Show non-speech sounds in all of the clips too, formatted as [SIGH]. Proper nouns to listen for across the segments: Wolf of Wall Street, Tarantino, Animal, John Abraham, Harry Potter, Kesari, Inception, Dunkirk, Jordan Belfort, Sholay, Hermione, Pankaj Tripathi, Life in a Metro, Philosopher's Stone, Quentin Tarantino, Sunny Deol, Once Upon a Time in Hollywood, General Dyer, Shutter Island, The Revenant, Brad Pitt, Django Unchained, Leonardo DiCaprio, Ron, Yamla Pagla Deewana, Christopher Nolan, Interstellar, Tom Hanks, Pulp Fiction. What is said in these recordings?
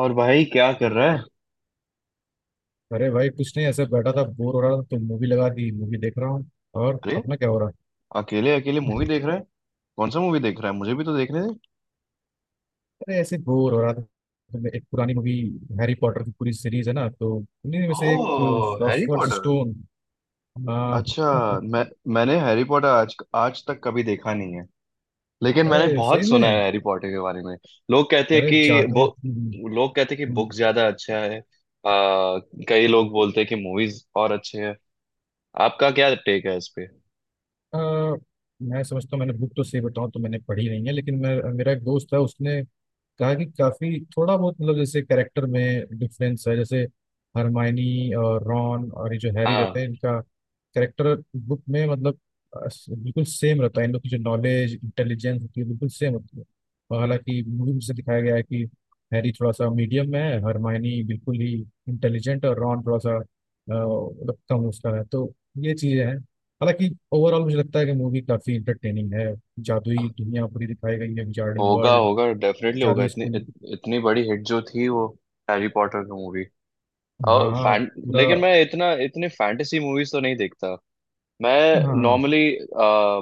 और भाई क्या कर रहा है। अरे भाई कुछ नहीं, ऐसे बैठा था, बोर हो रहा था तो मूवी लगा दी। मूवी देख रहा हूँ। और अरे अपना क्या हो रहा। अकेले अकेले मूवी देख रहा है। कौन सा मूवी देख रहा है, मुझे भी तो देखने दे। अरे ऐसे बोर हो रहा था तो मैं एक पुरानी मूवी, हैरी पॉटर की पूरी सीरीज है ना, तो उन्हीं में से एक ओह हैरी फिलोसफर्स पॉटर, स्टोन। आ, अच्छा। मैं मैंने हैरी पॉटर आज आज तक कभी देखा नहीं है, लेकिन मैंने अरे सही बहुत में। सुना है हैरी पॉटर के बारे में। लोग कहते हैं अरे कि बो जादू। लोग कहते हैं कि बुक ज्यादा अच्छा है। कई लोग बोलते हैं कि मूवीज और अच्छे हैं। आपका क्या टेक है इस पे। अ, मैं समझता हूँ, मैंने बुक तो सही बताऊँ तो मैंने पढ़ी नहीं है, लेकिन मैं मेरा एक दोस्त है, उसने कहा कि काफी थोड़ा बहुत मतलब जैसे कैरेक्टर में डिफरेंस है। जैसे हरमाइनी और रॉन और ये जो हैरी रहते हाँ हैं, इनका कैरेक्टर बुक में मतलब बिल्कुल सेम रहता है। इन लोग की जो नॉलेज इंटेलिजेंस होती है बिल्कुल सेम होती है। और हालांकि मूवी में से दिखाया गया है कि हैरी थोड़ा सा मीडियम में है, हरमाइनी बिल्कुल ही इंटेलिजेंट, और रॉन थोड़ा सा मतलब कम उसका है। तो ये चीजें हैं। हालांकि ओवरऑल मुझे लगता है कि मूवी काफी इंटरटेनिंग है। जादुई दुनिया पूरी दिखाई गई है, विजार्डिंग होगा वर्ल्ड, होगा डेफिनेटली होगा। जादुई स्कूल। इतनी बड़ी हिट जो थी वो हैरी पॉटर की मूवी हाँ और हाँ फैन। पूरा। लेकिन मैं इतना इतनी फैंटेसी मूवीज तो नहीं देखता। मैं हाँ। नॉर्मली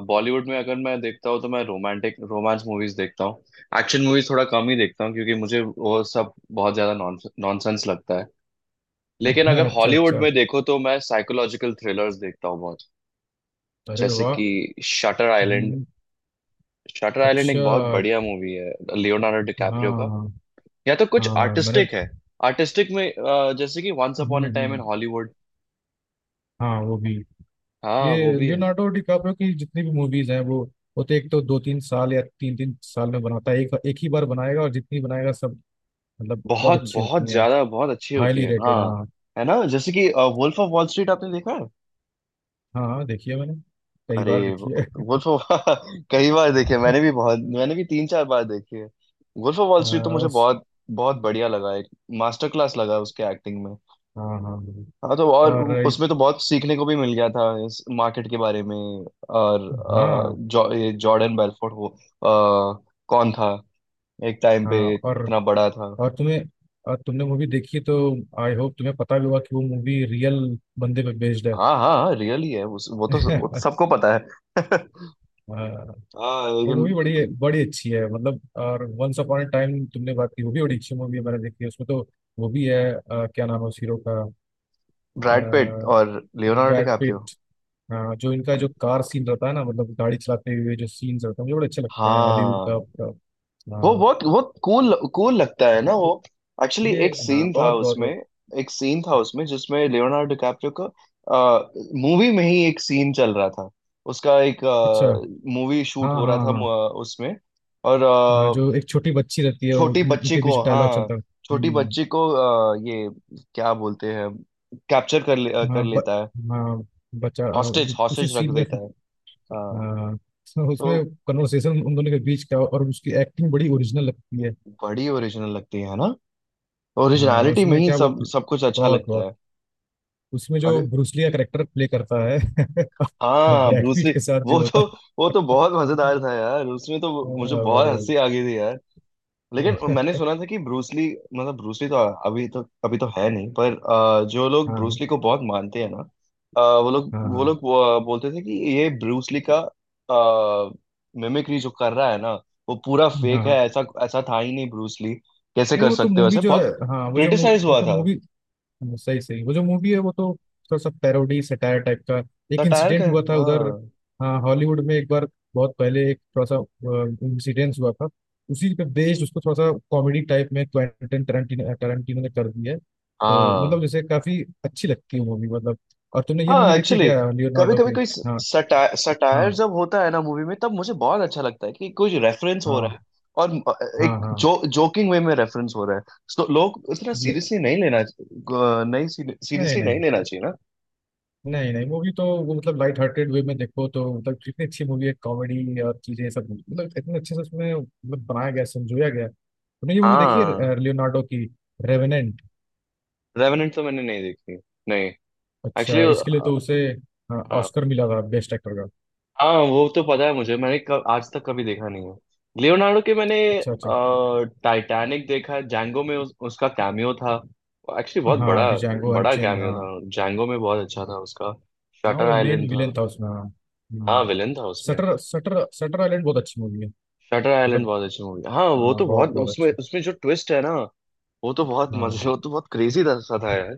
बॉलीवुड में अगर मैं देखता हूँ तो मैं रोमांटिक रोमांस मूवीज देखता हूँ। एक्शन मूवीज थोड़ा कम ही देखता हूँ, क्योंकि मुझे वो सब बहुत ज्यादा नॉनसेंस लगता है। लेकिन हाँ, अगर अच्छा हॉलीवुड अच्छा। में देखो तो मैं साइकोलॉजिकल थ्रिलर्स देखता हूँ बहुत। अरे जैसे वाह। कि शटर आइलैंड। हम्म, शटर आइलैंड एक अच्छा। बहुत बढ़िया मूवी है, लियोनार्डो डिकैप्रियो का। हाँ या तो कुछ हाँ मैंने। आर्टिस्टिक है। आर्टिस्टिक में जैसे कि once hmm, upon a time in hmm, Hollywood. हाँ वो भी। हाँ वो ये भी है। लियोनार्डो डिकाप्रियो की जितनी भी मूवीज हैं, वो तो एक तो दो तीन साल या तीन तीन साल में बनाता है, एक एक ही बार बनाएगा, और जितनी बनाएगा सब मतलब बहुत बहुत अच्छी होती बहुत है। ज्यादा बहुत अच्छी होती हाईली है रेटेड हाँ। हाँ। है ना, जैसे कि वुल्फ ऑफ वॉल स्ट्रीट आपने देखा है। हाँ देखिए, मैंने कई अरे बार देखी है। वुल्फ ऑफ [LAUGHS] कई बार देखी है, मैंने भी बहुत, मैंने भी 3 4 बार देखी है। वुल्फ ऑफ वॉल स्ट्रीट तो आ, मुझे उस। बहुत बहुत बढ़िया लगा। एक मास्टर क्लास लगा उसके एक्टिंग में। हाँ हाँ। हाँ तो और और उसमें तो बहुत सीखने को भी मिल गया था इस मार्केट के बारे में। और हाँ ये जॉर्डन बेलफोर्ड वो कौन था, एक टाइम पे हाँ इतना बड़ा था। और तुम्हें और तुमने मूवी देखी तो आई होप तुम्हें पता भी होगा कि वो मूवी रियल बंदे पे बेस्ड हाँ हाँ हाँ, रियली है वो तो है। वो तो [LAUGHS] सबको पता है [LAUGHS] आ, हाँ वो लेकिन मूवी बड़ी बड़ी अच्छी है मतलब। और वंस अपॉन अ टाइम तुमने बात की, वो भी बड़ी अच्छी मूवी है, मैंने देखी है उसमें तो। वो भी है। क्या नाम है उस हीरो का। ब्रैड पिट और लियोनार्डो ब्रैड डिकैप्रियो। पिट। हाँ, जो इनका जो कार सीन रहता है ना, मतलब गाड़ी चलाते हुए जो सीन्स रहते हैं मुझे बड़े अच्छे लगते हैं हॉलीवुड का हाँ पूरा। वो हाँ बहुत बहुत कूल कूल लगता है ना वो। एक्चुअली ये एक हाँ सीन था बहुत बहुत उसमें। बहुत। एक सीन था उसमें जिसमें लियोनार्डो डिकैप्रियो का मूवी में ही एक सीन चल रहा था। उसका एक अच्छा। मूवी शूट हाँ हो रहा हाँ था हाँ। उसमें। और हाँ जो एक छोटी बच्ची रहती है छोटी बच्ची उनके बीच को, डायलॉग हाँ चलता है। छोटी बच्ची को, ये क्या बोलते हैं, कैप्चर कर ले, अ, कर हाँ ब, लेता है। हाँ बच्चा, हाँ, हॉस्टेज उसी हॉस्टेज रख सीन में। देता है। हाँ हाँ। [LAUGHS] तो उसमें तो कन्वर्सेशन उन दोनों के बीच का और उसकी एक्टिंग बड़ी ओरिजिनल लगती है। बड़ी ओरिजिनल लगती है ना। हाँ ओरिजिनलिटी में उसमें ही क्या सब बोलते। सब कुछ अच्छा बहुत लगता बहुत। है। उसमें जो अगर ब्रूसली का करेक्टर प्ले करता है [LAUGHS] और हाँ ब्रैड पीट ब्रूसली, के साथ जो वो होता तो है। वो तो बहुत मजेदार था यार। उसमें तो मुझे हाँ, बहुत बड़े हंसी आ गई थी यार। लेकिन बड़े। मैंने [LAUGHS] सुना था कि ब्रूसली, मतलब ब्रूसली तो अभी तो है नहीं, पर जो लोग ब्रूसली हाँ को बहुत मानते हैं ना, हाँ वो हाँ लोग बोलते थे कि ये ब्रूसली का मिमिक्री जो कर रहा है ना, वो पूरा हाँ फेक है। हाँ। ऐसा ऐसा था ही नहीं ब्रूसली, कैसे नहीं, कर वो तो सकते हो मूवी ऐसे। जो है, बहुत हाँ, वो जो क्रिटिसाइज वो हुआ तो था। मूवी, हाँ, सही सही, वो जो मूवी है वो तो थोड़ा सा पैरोडी सटायर टाइप का। एक सटायर इंसिडेंट का हुआ था उधर। हाँ हाँ, हॉलीवुड में एक बार बहुत पहले एक थोड़ा सा इंसिडेंट हुआ था, उसी पे बेस्ड उसको थोड़ा सा कॉमेडी टाइप में क्वेंटिन टरंटिनो टरंटिनो ने कर दिया है। तो मतलब हाँ जैसे काफी अच्छी लगती है मूवी मतलब। और तुमने ये मूवी हाँ। देखी है एक्चुअली क्या कभी लियोनार्डो कभी की। कोई हाँ सटायर सटायर हाँ जब होता है ना मूवी में, तब मुझे बहुत अच्छा लगता है कि कुछ रेफरेंस हो रहा है। हाँ और हाँ एक हाँ जो जोकिंग वे में रेफरेंस हो रहा है, तो लोग इतना ये। सीरियसली नहीं नहीं सीरियसली नहीं। नहीं लेना चाहिए ना। नहीं नहीं, मूवी तो वो मतलब लाइट हार्टेड वे में देखो तो मतलब कितनी अच्छी मूवी है, कॉमेडी और चीजें सब मतलब इतने अच्छे से उसमें मतलब बनाया गया समझोया गया। तुमने ये मूवी देखी हाँ है लियोनार्डो की, रेवेनेंट। रेवेनेंट तो मैंने नहीं देखी, नहीं। एक्चुअली अच्छा, इसके लिए तो उसे ऑस्कर मिला था बेस्ट एक्टर का। हाँ वो तो पता है मुझे, मैंने कब आज तक कभी देखा नहीं है लियोनार्डो के। मैंने अच्छा अच्छा। टाइटैनिक देखा है, जैंगो में उसका कैमियो था, एक्चुअली बहुत हाँ बड़ा, डिजांगो बड़ा अनचेन कैमियो हाँ। था जैंगो में, बहुत अच्छा था उसका। हाँ शटर वो आइलैंड मेन था। विलेन था उसमें हाँ। हाँ हम्म। विलन था उसमें। सटर सटर सटर आइलैंड बहुत अच्छी मूवी है शटर आइलैंड मतलब। बहुत अच्छी मूवी हाँ, वो हाँ तो बहुत बहुत, बहुत उसमें अच्छी। उसमें जो ट्विस्ट है ना, हाँ। वो तो बहुत क्रेजी सा था यार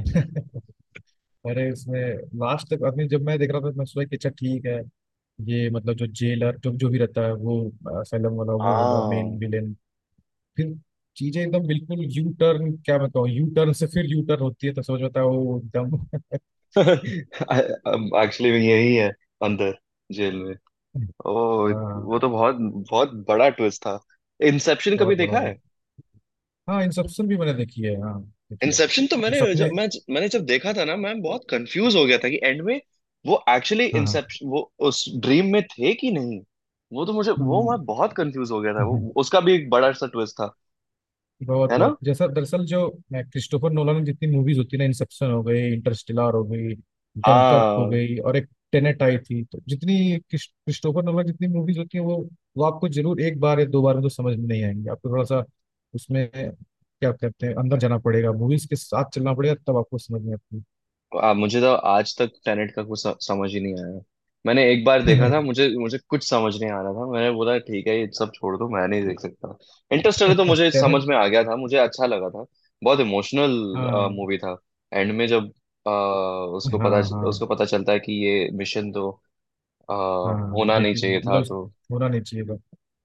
[LAUGHS] अरे उसमें लास्ट तक, अभी जब मैं देख रहा था, मैं सोचा कि अच्छा ठीक है, ये मतलब जो जेलर जो जो भी रहता है, वो असलम वाला वो होगा मेन हाँ विलेन। फिर चीजें एकदम बिल्कुल यू टर्न, क्या मैं कहूँ, यू टर्न से फिर यू टर्न होती है, तो समझ में आता है वो एकदम। [LAUGHS] [LAUGHS] एक्चुअली यही है। अंदर जेल में, ओ हाँ वो तो बहुत बहुत बड़ा ट्विस्ट था। इंसेप्शन कभी बहुत बड़ा देखा हुआ। है। हाँ इंसेप्शन भी मैंने देखी है हाँ। देखी है। इंसेप्शन तो जो मैंने जब सपने। मैं मैंने जब देखा था ना, मैं बहुत कंफ्यूज हो गया था कि एंड में वो एक्चुअली हाँ हाँ। इंसेप्शन वो उस ड्रीम में थे कि नहीं। वो तो मुझे वो हम्म, मैं बहुत कंफ्यूज हो गया था, हम्म, हम्म। वो उसका भी एक बड़ा सा ट्विस्ट था बहुत है ना। बहुत, जैसा दरअसल जो क्रिस्टोफर नोलन की जितनी मूवीज होती है ना, इंसेप्शन हो गई, इंटरस्टेलर हो गई, डंकर्क हो हाँ गई, और एक टेनेट आई थी, तो जितनी क्रिस्टोफर नोलन की जितनी मूवीज होती हैं वो आपको जरूर एक बार या दो बार में तो समझ में नहीं आएंगे, आपको थोड़ा सा उसमें क्या कहते हैं अंदर जाना पड़ेगा, मूवीज के साथ चलना पड़ेगा, तब आपको समझ में आती मुझे तो आज तक टेनेट का समझ ही नहीं आया। मैंने एक बार देखा था, है। मुझे मुझे कुछ समझ नहीं आ रहा था। मैंने बोला ठीक है ये सब छोड़ दो, मैं नहीं देख सकता। इंटरस्टेलर तो [LAUGHS] मुझे टेनेट। समझ में आ गया था, मुझे अच्छा लगा था। बहुत इमोशनल हाँ मूवी था। एंड में जब आ, उसको हाँ पता हाँ। उसको पता चलता है कि ये मिशन तो आ, हाँ होना नहीं बेटी चाहिए था, मतलब तो होना नहीं चाहिए था।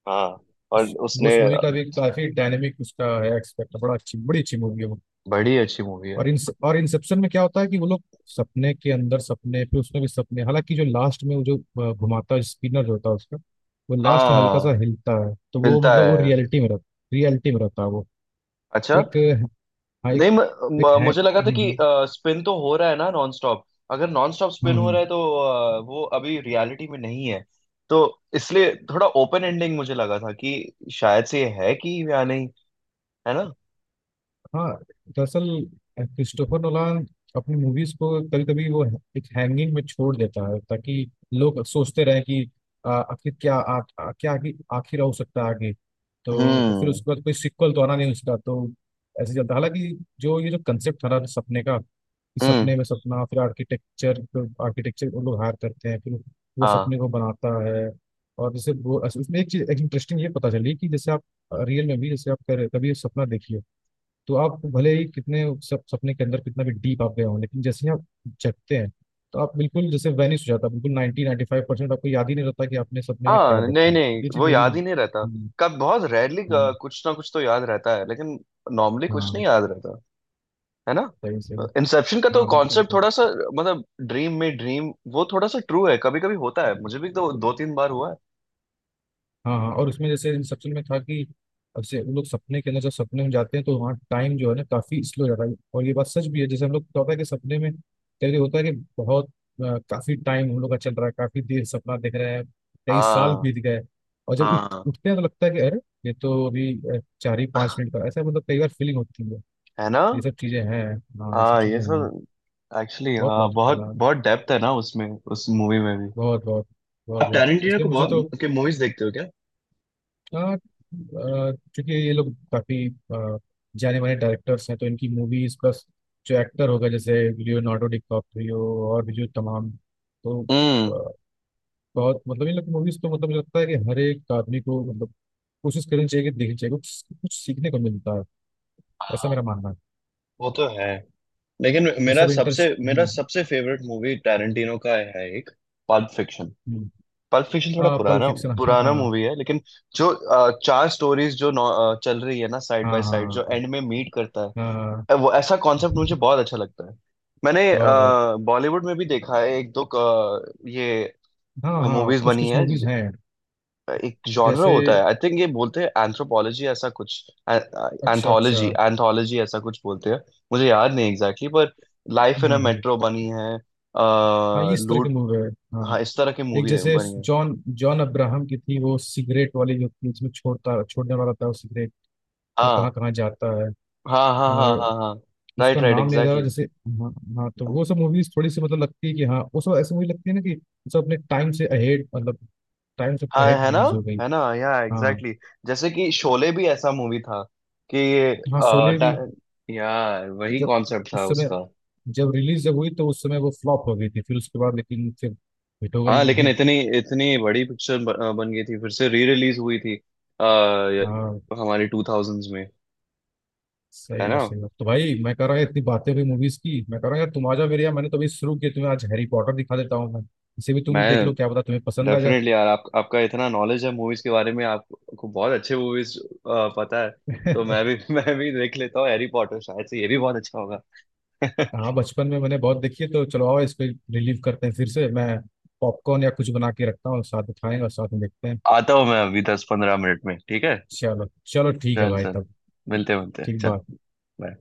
हाँ और उसने। उस मूवी का भी काफी डायनेमिक उसका है एक्सपेक्ट, बड़ा अच्छी बड़ी अच्छी मूवी है वो। बड़ी अच्छी मूवी है और इन और इंसेप्शन में क्या होता है कि वो लोग सपने के अंदर सपने फिर उसमें भी सपने, हालांकि जो लास्ट में वो जो घुमाता है स्पिनर जो होता है उसका, वो लास्ट में हल्का हाँ। सा हिलता है तो वो मिलता मतलब वो है रियलिटी में रहता, रियलिटी में रहता है वो। अच्छा। एक हाँ, एक, नहीं म, एक म, है। मुझे लगा था कि स्पिन तो हो रहा है ना नॉन स्टॉप। अगर नॉन स्टॉप हम्म, स्पिन हो रहा हम्म। है, तो वो अभी रियलिटी में नहीं है। तो इसलिए थोड़ा ओपन एंडिंग मुझे लगा था कि शायद से ये है कि या नहीं, है ना। हाँ दरअसल क्रिस्टोफर नोलान अपनी मूवीज को कभी कभी वो एक हैंगिंग में छोड़ देता है, ताकि लोग सोचते रहे कि आखिर क्या आ, आ, क्या आगे आखिर हो सकता है आगे। तो फिर हम्म। उसके बाद कोई सिक्वल तो आना नहीं उसका, तो ऐसे चलता। हालांकि जो ये जो कंसेप्ट था ना सपने का, कि हम्म। सपने में सपना फिर आर्किटेक्चर, आर्किटेक्चर वो लोग हायर करते हैं, फिर वो हाँ सपने को बनाता है। और जैसे वो उसमें एक चीज एक इंटरेस्टिंग ये पता चली कि जैसे आप रियल में भी जैसे आप कभी सपना देखिए, तो आप भले ही कितने सपने के अंदर कितना भी डीप आप गए हो, लेकिन जैसे ही आप जगते हैं, तो आप बिल्कुल जैसे वैनिश हो जाता है, बिल्कुल 90 नाइन्टी फाइव परसेंट आपको याद ही नहीं रहता कि आपने सपने में क्या हाँ नहीं देखा। नहीं, ये चीज़ वो मूवी में। याद ही नहीं रहता। कब बहुत रेयरली हम्म, कुछ ना कुछ तो याद रहता है, लेकिन नॉर्मली कुछ नहीं हाँ याद रहता, है ना। सही सही। इंसेप्शन का तो हाँ बिल्कुल कॉन्सेप्ट बिल्कुल। थोड़ा सा, मतलब ड्रीम में ड्रीम वो थोड़ा सा ट्रू है, कभी कभी होता है। मुझे भी तो 2 3 बार हुआ है। हाँ हाँ और उसमें जैसे इंसेप्शन में था कि अब से उन लोग सपने के अंदर जब सपने में जाते हैं तो वहाँ टाइम जो है ना काफी स्लो जाता है, और ये बात सच भी है, जैसे हम लोग को होता है कि सपने में कई बार होता है कि बहुत काफी टाइम हम लोग का चल रहा है, काफी देर सपना देख रहे हैं, कई साल हाँ बीत गए, और जब उठ हाँ उठते हैं तो लगता है कि अरे ये तो अभी चार ही पाँच मिनट [LAUGHS] का, ऐसा मतलब कई बार फीलिंग होती है। है ना। ये सब चीजें हैं। हाँ ये सब हाँ ये चीजें हैं। सब एक्चुअली, बहुत हाँ लॉजिक बहुत चला है। बहुत डेप्थ है ना उसमें, उस मूवी में भी। बहुत बहुत, बहुत आप बहुत टैरेंटिनो इसलिए को मुझे तो। बहुत के मूवीज देखते हो क्या। हाँ, चूंकि ये लोग काफी जाने माने डायरेक्टर्स हैं, तो इनकी मूवीज प्लस जो एक्टर होगा जैसे लियोनार्डो डिकैप्रियो और भी जो तमाम, तो हम्म बहुत मतलब इन लोग की मूवीज तो मतलब मुझे लगता है कि हर एक आदमी को मतलब कोशिश करनी चाहिए कि देखनी चाहिए, कुछ कुछ सीखने को मिलता है, ऐसा मेरा मानना है। वो तो है। लेकिन जैसे भी इंटर। मेरा सबसे फेवरेट मूवी टैरेंटिनो का है एक, पल्प फिक्शन। पल्प फिक्शन थोड़ा हाँ पल्प पुराना फिक्शन हाँ पुराना हाँ मूवी है। लेकिन जो चार स्टोरीज चल रही है ना साइड हाँ। बाय साइड, जो हाँ एंड में मीट करता हाँ, है, वो ऐसा कॉन्सेप्ट मुझे बहुत अच्छा लगता है। मैंने बहुत बहुत। बॉलीवुड में भी देखा है एक दो, अ, ये हाँ हाँ मूवीज कुछ बनी कुछ है। मूवीज हैं। एक जॉनरा जैसे। होता है, आई थिंक ये बोलते हैं एंथ्रोपोलॉजी ऐसा कुछ, अच्छा अच्छा। एंथोलॉजी एंथोलॉजी ऐसा कुछ बोलते हैं। मुझे याद नहीं एग्जैक्टली exactly, पर लाइफ इन अ हाँ हाँ मेट्रो बनी है, हाँ ये इस तरह के लूट, मूवी है। हाँ। हाँ इस तरह की एक मूवी जैसे बनी है। जॉन, जॉन अब्राहम की थी वो सिगरेट वाली जो थी, जिसमें छोड़ता, छोड़ने वाला था वो सिगरेट, तो हाँ कहाँ कहाँ जाता है। हाँ हाँ हाँ और हाँ हाँ। राइट उसका राइट नाम नहीं आ रहा एग्जैक्टली। जैसे। हाँ। हाँ तो वो सब मूवीज थोड़ी सी मतलब लगती है कि हाँ वो सब ऐसी मूवी लगती है ना, कि वो सब अपने टाइम से अहेड मतलब, टाइम से हाँ अहेड है ना। रिलीज हो गई। हाँ। Exactly exactly। जैसे कि शोले भी ऐसा मूवी था कि हाँ आ, शोले भी, टा- यार वही जब कॉन्सेप्ट था उस समय उसका। जब रिलीज जब हुई तो उस समय वो फ्लॉप हो गई थी, फिर उसके बाद लेकिन फिर हिट हो हाँ लेकिन गई। इतनी इतनी बड़ी पिक्चर बन गई थी, फिर से री रिलीज हुई थी आ, हाँ हमारी 2000s में, है सही ना। बात सही बात। तो भाई, मैं कह रहा है इतनी बातें हुई मूवीज की, मैं कह रहा हूँ यार तुम आ जाओ मेरे यहाँ, मैंने तो अभी शुरू किया, तुम्हें आज हैरी पॉटर दिखा देता हूँ मैं, इसे भी तुम देख मैं लो, क्या पता तुम्हें पसंद आ जाए। डेफिनेटली यार आपका इतना नॉलेज है मूवीज के बारे में, आपको बहुत अच्छे मूवीज पता है। तो मैं [LAUGHS] भी [LAUGHS] मैं भी देख लेता हूँ हैरी पॉटर, शायद से ये भी बहुत अच्छा होगा [LAUGHS] हाँ बचपन में मैंने बहुत देखी है, तो चलो आओ इस पे रिलीव करते हैं फिर से, मैं पॉपकॉर्न या कुछ बना के रखता हूँ, साथ में खाएंगे और साथ में देखते हैं। आता हूँ मैं अभी 10 15 मिनट में, ठीक है। चलो चलो ठीक है चल भाई चल तब। मिलते मिलते ठीक चल। बात। बाय।